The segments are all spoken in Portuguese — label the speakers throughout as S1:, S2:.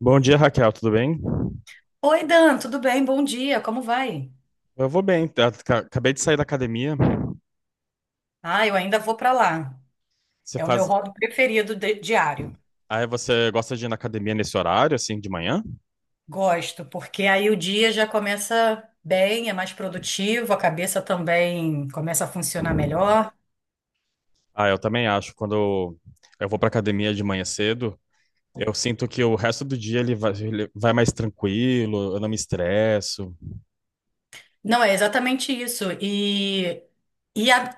S1: Bom dia, Raquel, tudo bem?
S2: Oi, Dan, tudo bem? Bom dia, como vai?
S1: Eu vou bem, tá? Acabei de sair da academia.
S2: Ah, eu ainda vou para lá.
S1: Você
S2: É o meu
S1: faz.
S2: hobby preferido diário.
S1: Aí você gosta de ir na academia nesse horário, assim, de manhã?
S2: Gosto, porque aí o dia já começa bem, é mais produtivo, a cabeça também começa a funcionar melhor.
S1: Ah, eu também acho. Quando eu vou pra academia de manhã cedo, eu sinto que o resto do dia ele vai mais tranquilo, eu não me estresso.
S2: Não, é exatamente isso. E a-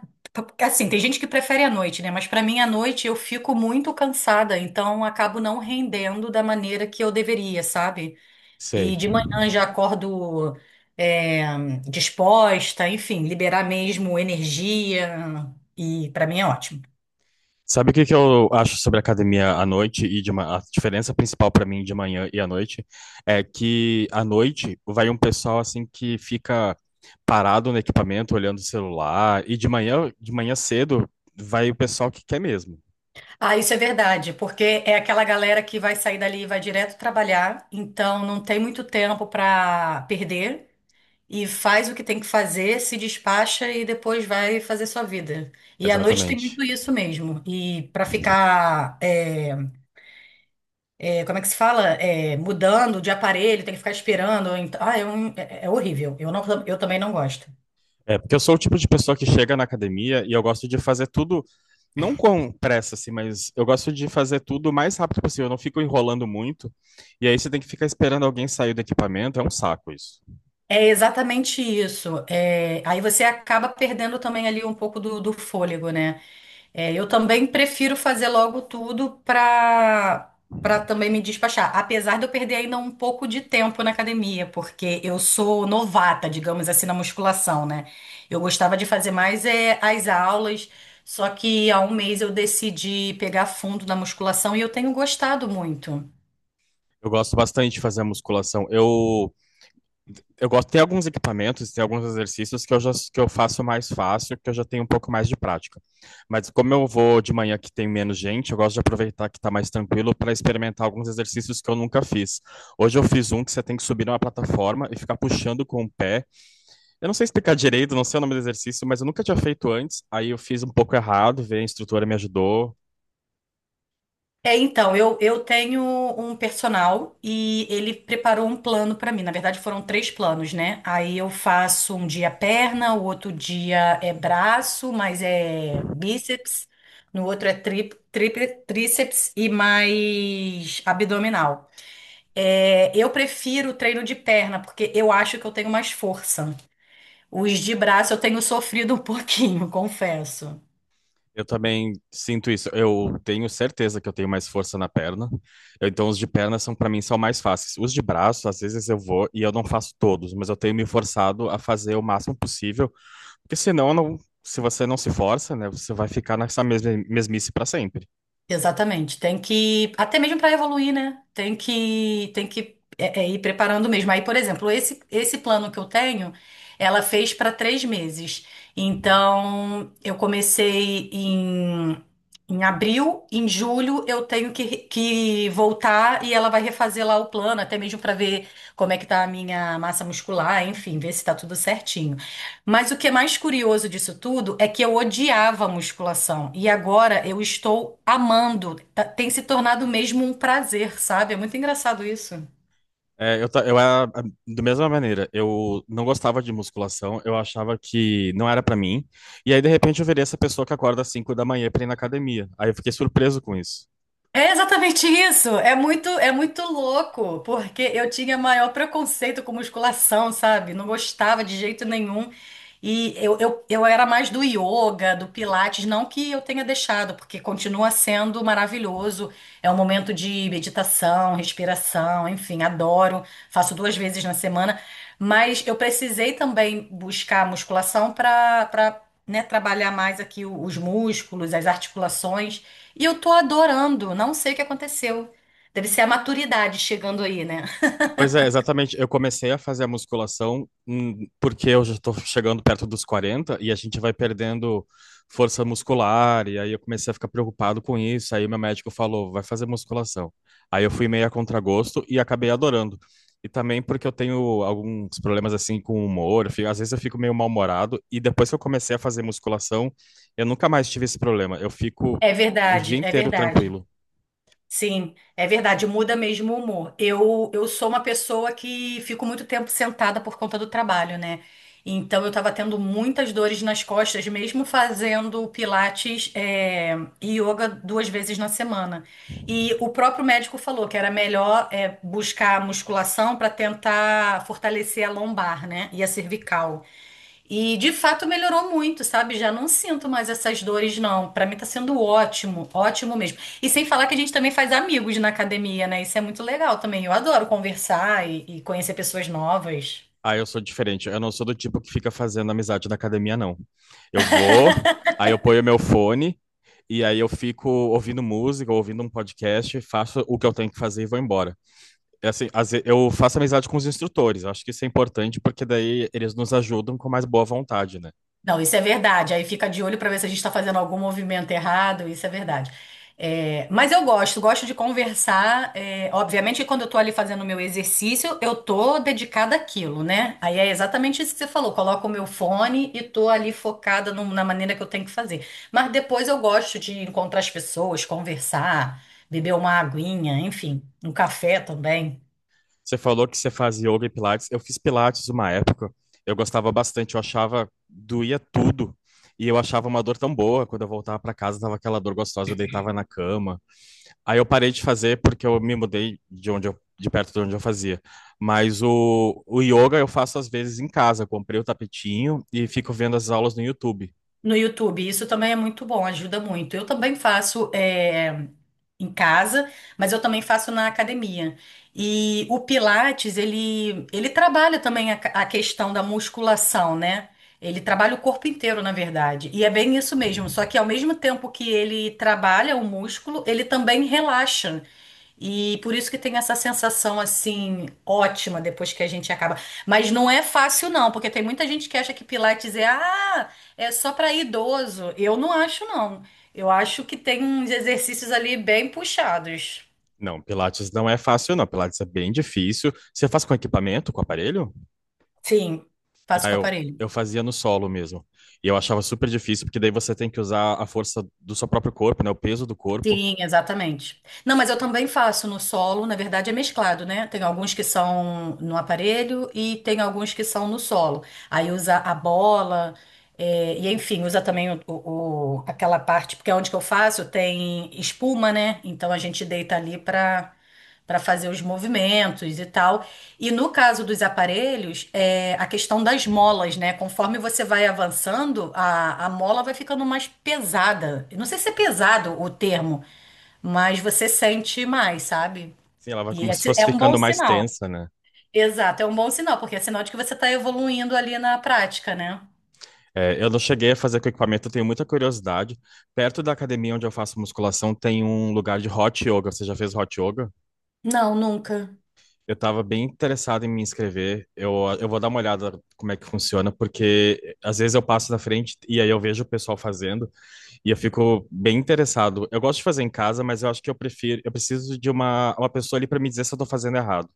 S2: assim, tem gente que prefere a noite, né? Mas para mim, a noite eu fico muito cansada, então acabo não rendendo da maneira que eu deveria, sabe? E
S1: Sei.
S2: de manhã já acordo é, disposta, enfim, liberar mesmo energia. E para mim é ótimo.
S1: Sabe o que que eu acho sobre academia à noite e a diferença principal para mim de manhã e à noite é que à noite vai um pessoal assim que fica parado no equipamento olhando o celular e de manhã cedo vai o pessoal que quer mesmo.
S2: Ah, isso é verdade, porque é aquela galera que vai sair dali e vai direto trabalhar, então não tem muito tempo para perder e faz o que tem que fazer, se despacha e depois vai fazer sua vida. E à noite tem muito
S1: Exatamente.
S2: isso mesmo. E para ficar como é que se fala? Mudando de aparelho, tem que ficar esperando. Então, é horrível. Eu também não gosto.
S1: É porque eu sou o tipo de pessoa que chega na academia e eu gosto de fazer tudo não com pressa assim, mas eu gosto de fazer tudo o mais rápido possível, eu não fico enrolando muito. E aí você tem que ficar esperando alguém sair do equipamento, é um saco isso.
S2: É exatamente isso. É, aí você acaba perdendo também ali um pouco do fôlego, né? É, eu também prefiro fazer logo tudo para também me despachar. Apesar de eu perder ainda um pouco de tempo na academia, porque eu sou novata, digamos assim, na musculação, né? Eu gostava de fazer mais as aulas, só que há um mês eu decidi pegar fundo na musculação e eu tenho gostado muito.
S1: Eu gosto bastante de fazer musculação. Eu gosto, tem alguns equipamentos, tem alguns exercícios que eu faço mais fácil, que eu já tenho um pouco mais de prática. Mas como eu vou de manhã que tem menos gente, eu gosto de aproveitar que está mais tranquilo para experimentar alguns exercícios que eu nunca fiz. Hoje eu fiz um que você tem que subir numa plataforma e ficar puxando com o pé. Eu não sei explicar direito, não sei o nome do exercício, mas eu nunca tinha feito antes. Aí eu fiz um pouco errado, veio a instrutora me ajudou.
S2: É, então, eu tenho um personal e ele preparou um plano pra mim. Na verdade, foram três planos, né? Aí eu faço um dia perna, o outro dia é braço, mas é bíceps, no outro é tríceps e mais abdominal. É, eu prefiro o treino de perna, porque eu acho que eu tenho mais força. Os de braço eu tenho sofrido um pouquinho, confesso.
S1: Eu também sinto isso. Eu tenho certeza que eu tenho mais força na perna. Então, os de perna são, para mim, são mais fáceis. Os de braço, às vezes eu vou e eu não faço todos, mas eu tenho me forçado a fazer o máximo possível, porque senão, eu não, se você não se força, né, você vai ficar nessa mesma mesmice para sempre.
S2: Exatamente. Até mesmo para evoluir, né? Tem que é, é, ir preparando mesmo. Aí, por exemplo, esse plano que eu tenho, ela fez para 3 meses. Então, eu comecei em abril, em julho eu tenho que voltar e ela vai refazer lá o plano, até mesmo para ver como é que tá a minha massa muscular, enfim, ver se tá tudo certinho. Mas o que é mais curioso disso tudo é que eu odiava a musculação e agora eu estou amando. Tem se tornado mesmo um prazer, sabe? É muito engraçado isso.
S1: É, eu era da mesma maneira. Eu não gostava de musculação. Eu achava que não era para mim. E aí, de repente, eu virei essa pessoa que acorda às 5 da manhã para ir na academia. Aí eu fiquei surpreso com isso.
S2: É exatamente isso. É muito louco, porque eu tinha maior preconceito com musculação, sabe? Não gostava de jeito nenhum. E eu era mais do yoga, do pilates, não que eu tenha deixado, porque continua sendo maravilhoso. É um momento de meditação, respiração, enfim, adoro. Faço duas vezes na semana, mas eu precisei também buscar musculação né, trabalhar mais aqui os músculos, as articulações. E eu tô adorando, não sei o que aconteceu. Deve ser a maturidade chegando aí, né?
S1: Pois é, exatamente. Eu comecei a fazer a musculação porque eu já estou chegando perto dos 40 e a gente vai perdendo força muscular. E aí eu comecei a ficar preocupado com isso. Aí o meu médico falou: vai fazer musculação. Aí eu fui meio a contragosto e acabei adorando. E também porque eu tenho alguns problemas assim com o humor. Às vezes eu fico meio mal-humorado. E depois que eu comecei a fazer musculação, eu nunca mais tive esse problema. Eu fico
S2: É
S1: o dia
S2: verdade, é
S1: inteiro
S2: verdade.
S1: tranquilo.
S2: Sim, é verdade, muda mesmo o humor. Eu sou uma pessoa que fico muito tempo sentada por conta do trabalho, né? Então eu tava tendo muitas dores nas costas, mesmo fazendo pilates, e yoga duas vezes na semana. E o próprio médico falou que era melhor, buscar musculação para tentar fortalecer a lombar, né? E a cervical. E de fato melhorou muito, sabe? Já não sinto mais essas dores, não. Pra mim tá sendo ótimo, ótimo mesmo. E sem falar que a gente também faz amigos na academia, né? Isso é muito legal também. Eu adoro conversar e conhecer pessoas novas.
S1: Ah, eu sou diferente. Eu não sou do tipo que fica fazendo amizade na academia, não. Eu vou, aí eu ponho meu fone, e aí eu fico ouvindo música, ouvindo um podcast, faço o que eu tenho que fazer e vou embora. É assim, eu faço amizade com os instrutores. Eu acho que isso é importante, porque daí eles nos ajudam com mais boa vontade, né?
S2: Não, isso é verdade. Aí fica de olho para ver se a gente está fazendo algum movimento errado. Isso é verdade. É, mas eu gosto, gosto de conversar. É, obviamente, que quando eu estou ali fazendo o meu exercício, eu tô dedicada àquilo, né? Aí é exatamente isso que você falou. Coloco o meu fone e tô ali focada na maneira que eu tenho que fazer. Mas depois eu gosto de encontrar as pessoas, conversar, beber uma aguinha, enfim, um café também.
S1: Você falou que você faz yoga e pilates. Eu fiz pilates uma época. Eu gostava bastante. Eu achava, doía tudo. E eu achava uma dor tão boa. Quando eu voltava para casa, tava aquela dor gostosa. Eu deitava na cama. Aí eu parei de fazer porque eu me mudei de perto de onde eu fazia. Mas o yoga eu faço às vezes em casa. Comprei o tapetinho e fico vendo as aulas no YouTube.
S2: No YouTube, isso também é muito bom, ajuda muito. Eu também faço em casa, mas eu também faço na academia. E o Pilates, ele trabalha também a questão da musculação, né? Ele trabalha o corpo inteiro, na verdade. E é bem isso mesmo, só que ao mesmo tempo que ele trabalha o músculo, ele também relaxa. E por isso que tem essa sensação assim ótima depois que a gente acaba. Mas não é fácil não, porque tem muita gente que acha que Pilates é só para idoso, eu não acho não. Eu acho que tem uns exercícios ali bem puxados.
S1: Não, Pilates não é fácil, não. Pilates é bem difícil. Você faz com equipamento, com aparelho?
S2: Sim, faço
S1: Ah,
S2: com
S1: eu,
S2: aparelho.
S1: eu fazia no solo mesmo. E eu achava super difícil, porque daí você tem que usar a força do seu próprio corpo, né? O peso do corpo.
S2: Sim, exatamente. Não, mas eu também faço no solo, na verdade é mesclado, né? Tem alguns que são no aparelho e tem alguns que são no solo. Aí usa a bola, e enfim, usa também aquela parte, porque onde que eu faço tem espuma, né? Então a gente deita ali para fazer os movimentos e tal. E no caso dos aparelhos, é a questão das molas, né? Conforme você vai avançando, a mola vai ficando mais pesada. Eu não sei se é pesado o termo, mas você sente mais, sabe?
S1: Sim, ela vai
S2: E
S1: como se
S2: esse
S1: fosse
S2: é um bom
S1: ficando mais
S2: sinal.
S1: tensa, né?
S2: Exato, é um bom sinal, porque é sinal de que você está evoluindo ali na prática, né?
S1: É, eu não cheguei a fazer com equipamento, eu tenho muita curiosidade. Perto da academia onde eu faço musculação tem um lugar de hot yoga. Você já fez hot yoga?
S2: Não, nunca.
S1: Eu estava bem interessado em me inscrever. Eu vou dar uma olhada como é que funciona, porque às vezes eu passo na frente e aí eu vejo o pessoal fazendo e eu fico bem interessado. Eu gosto de fazer em casa, mas eu acho que eu preciso de uma pessoa ali para me dizer se eu estou fazendo errado.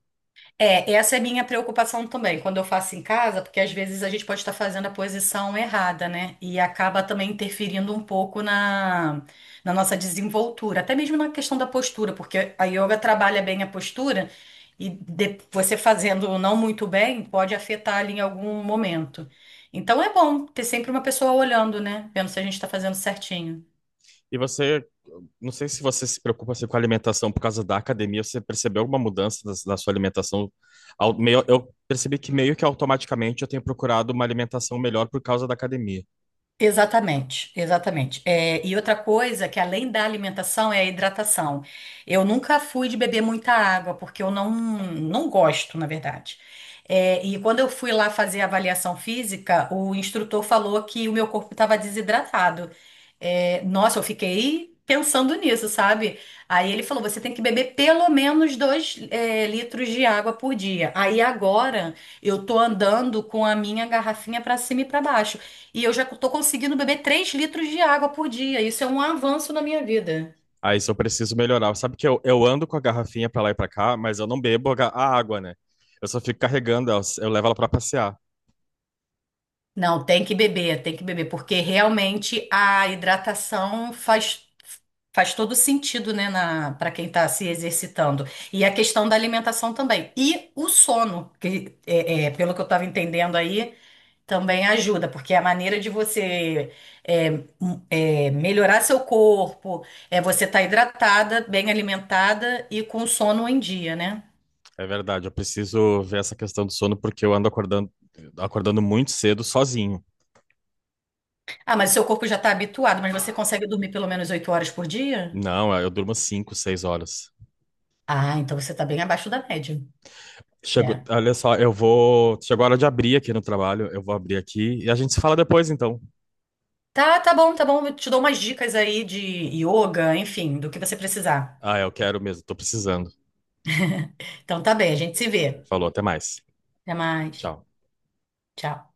S2: É, essa é minha preocupação também, quando eu faço em casa, porque às vezes a gente pode estar fazendo a posição errada, né? E acaba também interferindo um pouco na nossa desenvoltura, até mesmo na questão da postura, porque a yoga trabalha bem a postura você fazendo não muito bem pode afetar ali em algum momento. Então é bom ter sempre uma pessoa olhando, né? Vendo se a gente está fazendo certinho.
S1: E você Não sei se você se preocupa assim, com a alimentação por causa da academia. Você percebeu alguma mudança na sua alimentação? Eu percebi que meio que automaticamente eu tenho procurado uma alimentação melhor por causa da academia.
S2: Exatamente, exatamente. É, e outra coisa que além da alimentação é a hidratação. Eu nunca fui de beber muita água, porque eu não, não gosto, na verdade. É, e quando eu fui lá fazer a avaliação física, o instrutor falou que o meu corpo estava desidratado. É, nossa, eu fiquei pensando nisso, sabe? Aí ele falou: você tem que beber pelo menos dois, litros de água por dia. Aí agora eu tô andando com a minha garrafinha para cima e para baixo. E eu já tô conseguindo beber 3 litros de água por dia. Isso é um avanço na minha vida.
S1: Aí isso eu preciso melhorar. Sabe que eu ando com a garrafinha pra lá e pra cá, mas eu não bebo a água, né? Eu só fico carregando, ela, eu levo ela pra passear.
S2: Não, tem que beber, porque realmente a hidratação faz, faz todo sentido, né, na, para quem está se exercitando. E a questão da alimentação também. E o sono, que pelo que eu estava entendendo aí, também ajuda, porque a maneira de você é, m- melhorar seu corpo é você estar hidratada, bem alimentada e com sono em dia, né?
S1: É verdade, eu preciso ver essa questão do sono porque eu ando acordando muito cedo sozinho.
S2: Ah, mas seu corpo já está habituado, mas você consegue dormir pelo menos 8 horas por dia?
S1: Não, eu durmo 5, 6 horas.
S2: Ah, então você está bem abaixo da média.
S1: Chegou,
S2: É.
S1: olha só, eu vou. Chegou a hora de abrir aqui no trabalho. Eu vou abrir aqui e a gente se fala depois, então.
S2: Tá bom, tá bom. Eu te dou umas dicas aí de yoga, enfim, do que você precisar.
S1: Ah, eu quero mesmo, tô precisando.
S2: Então tá bem, a gente se vê.
S1: Falou, até mais.
S2: Até mais.
S1: Tchau.
S2: Tchau.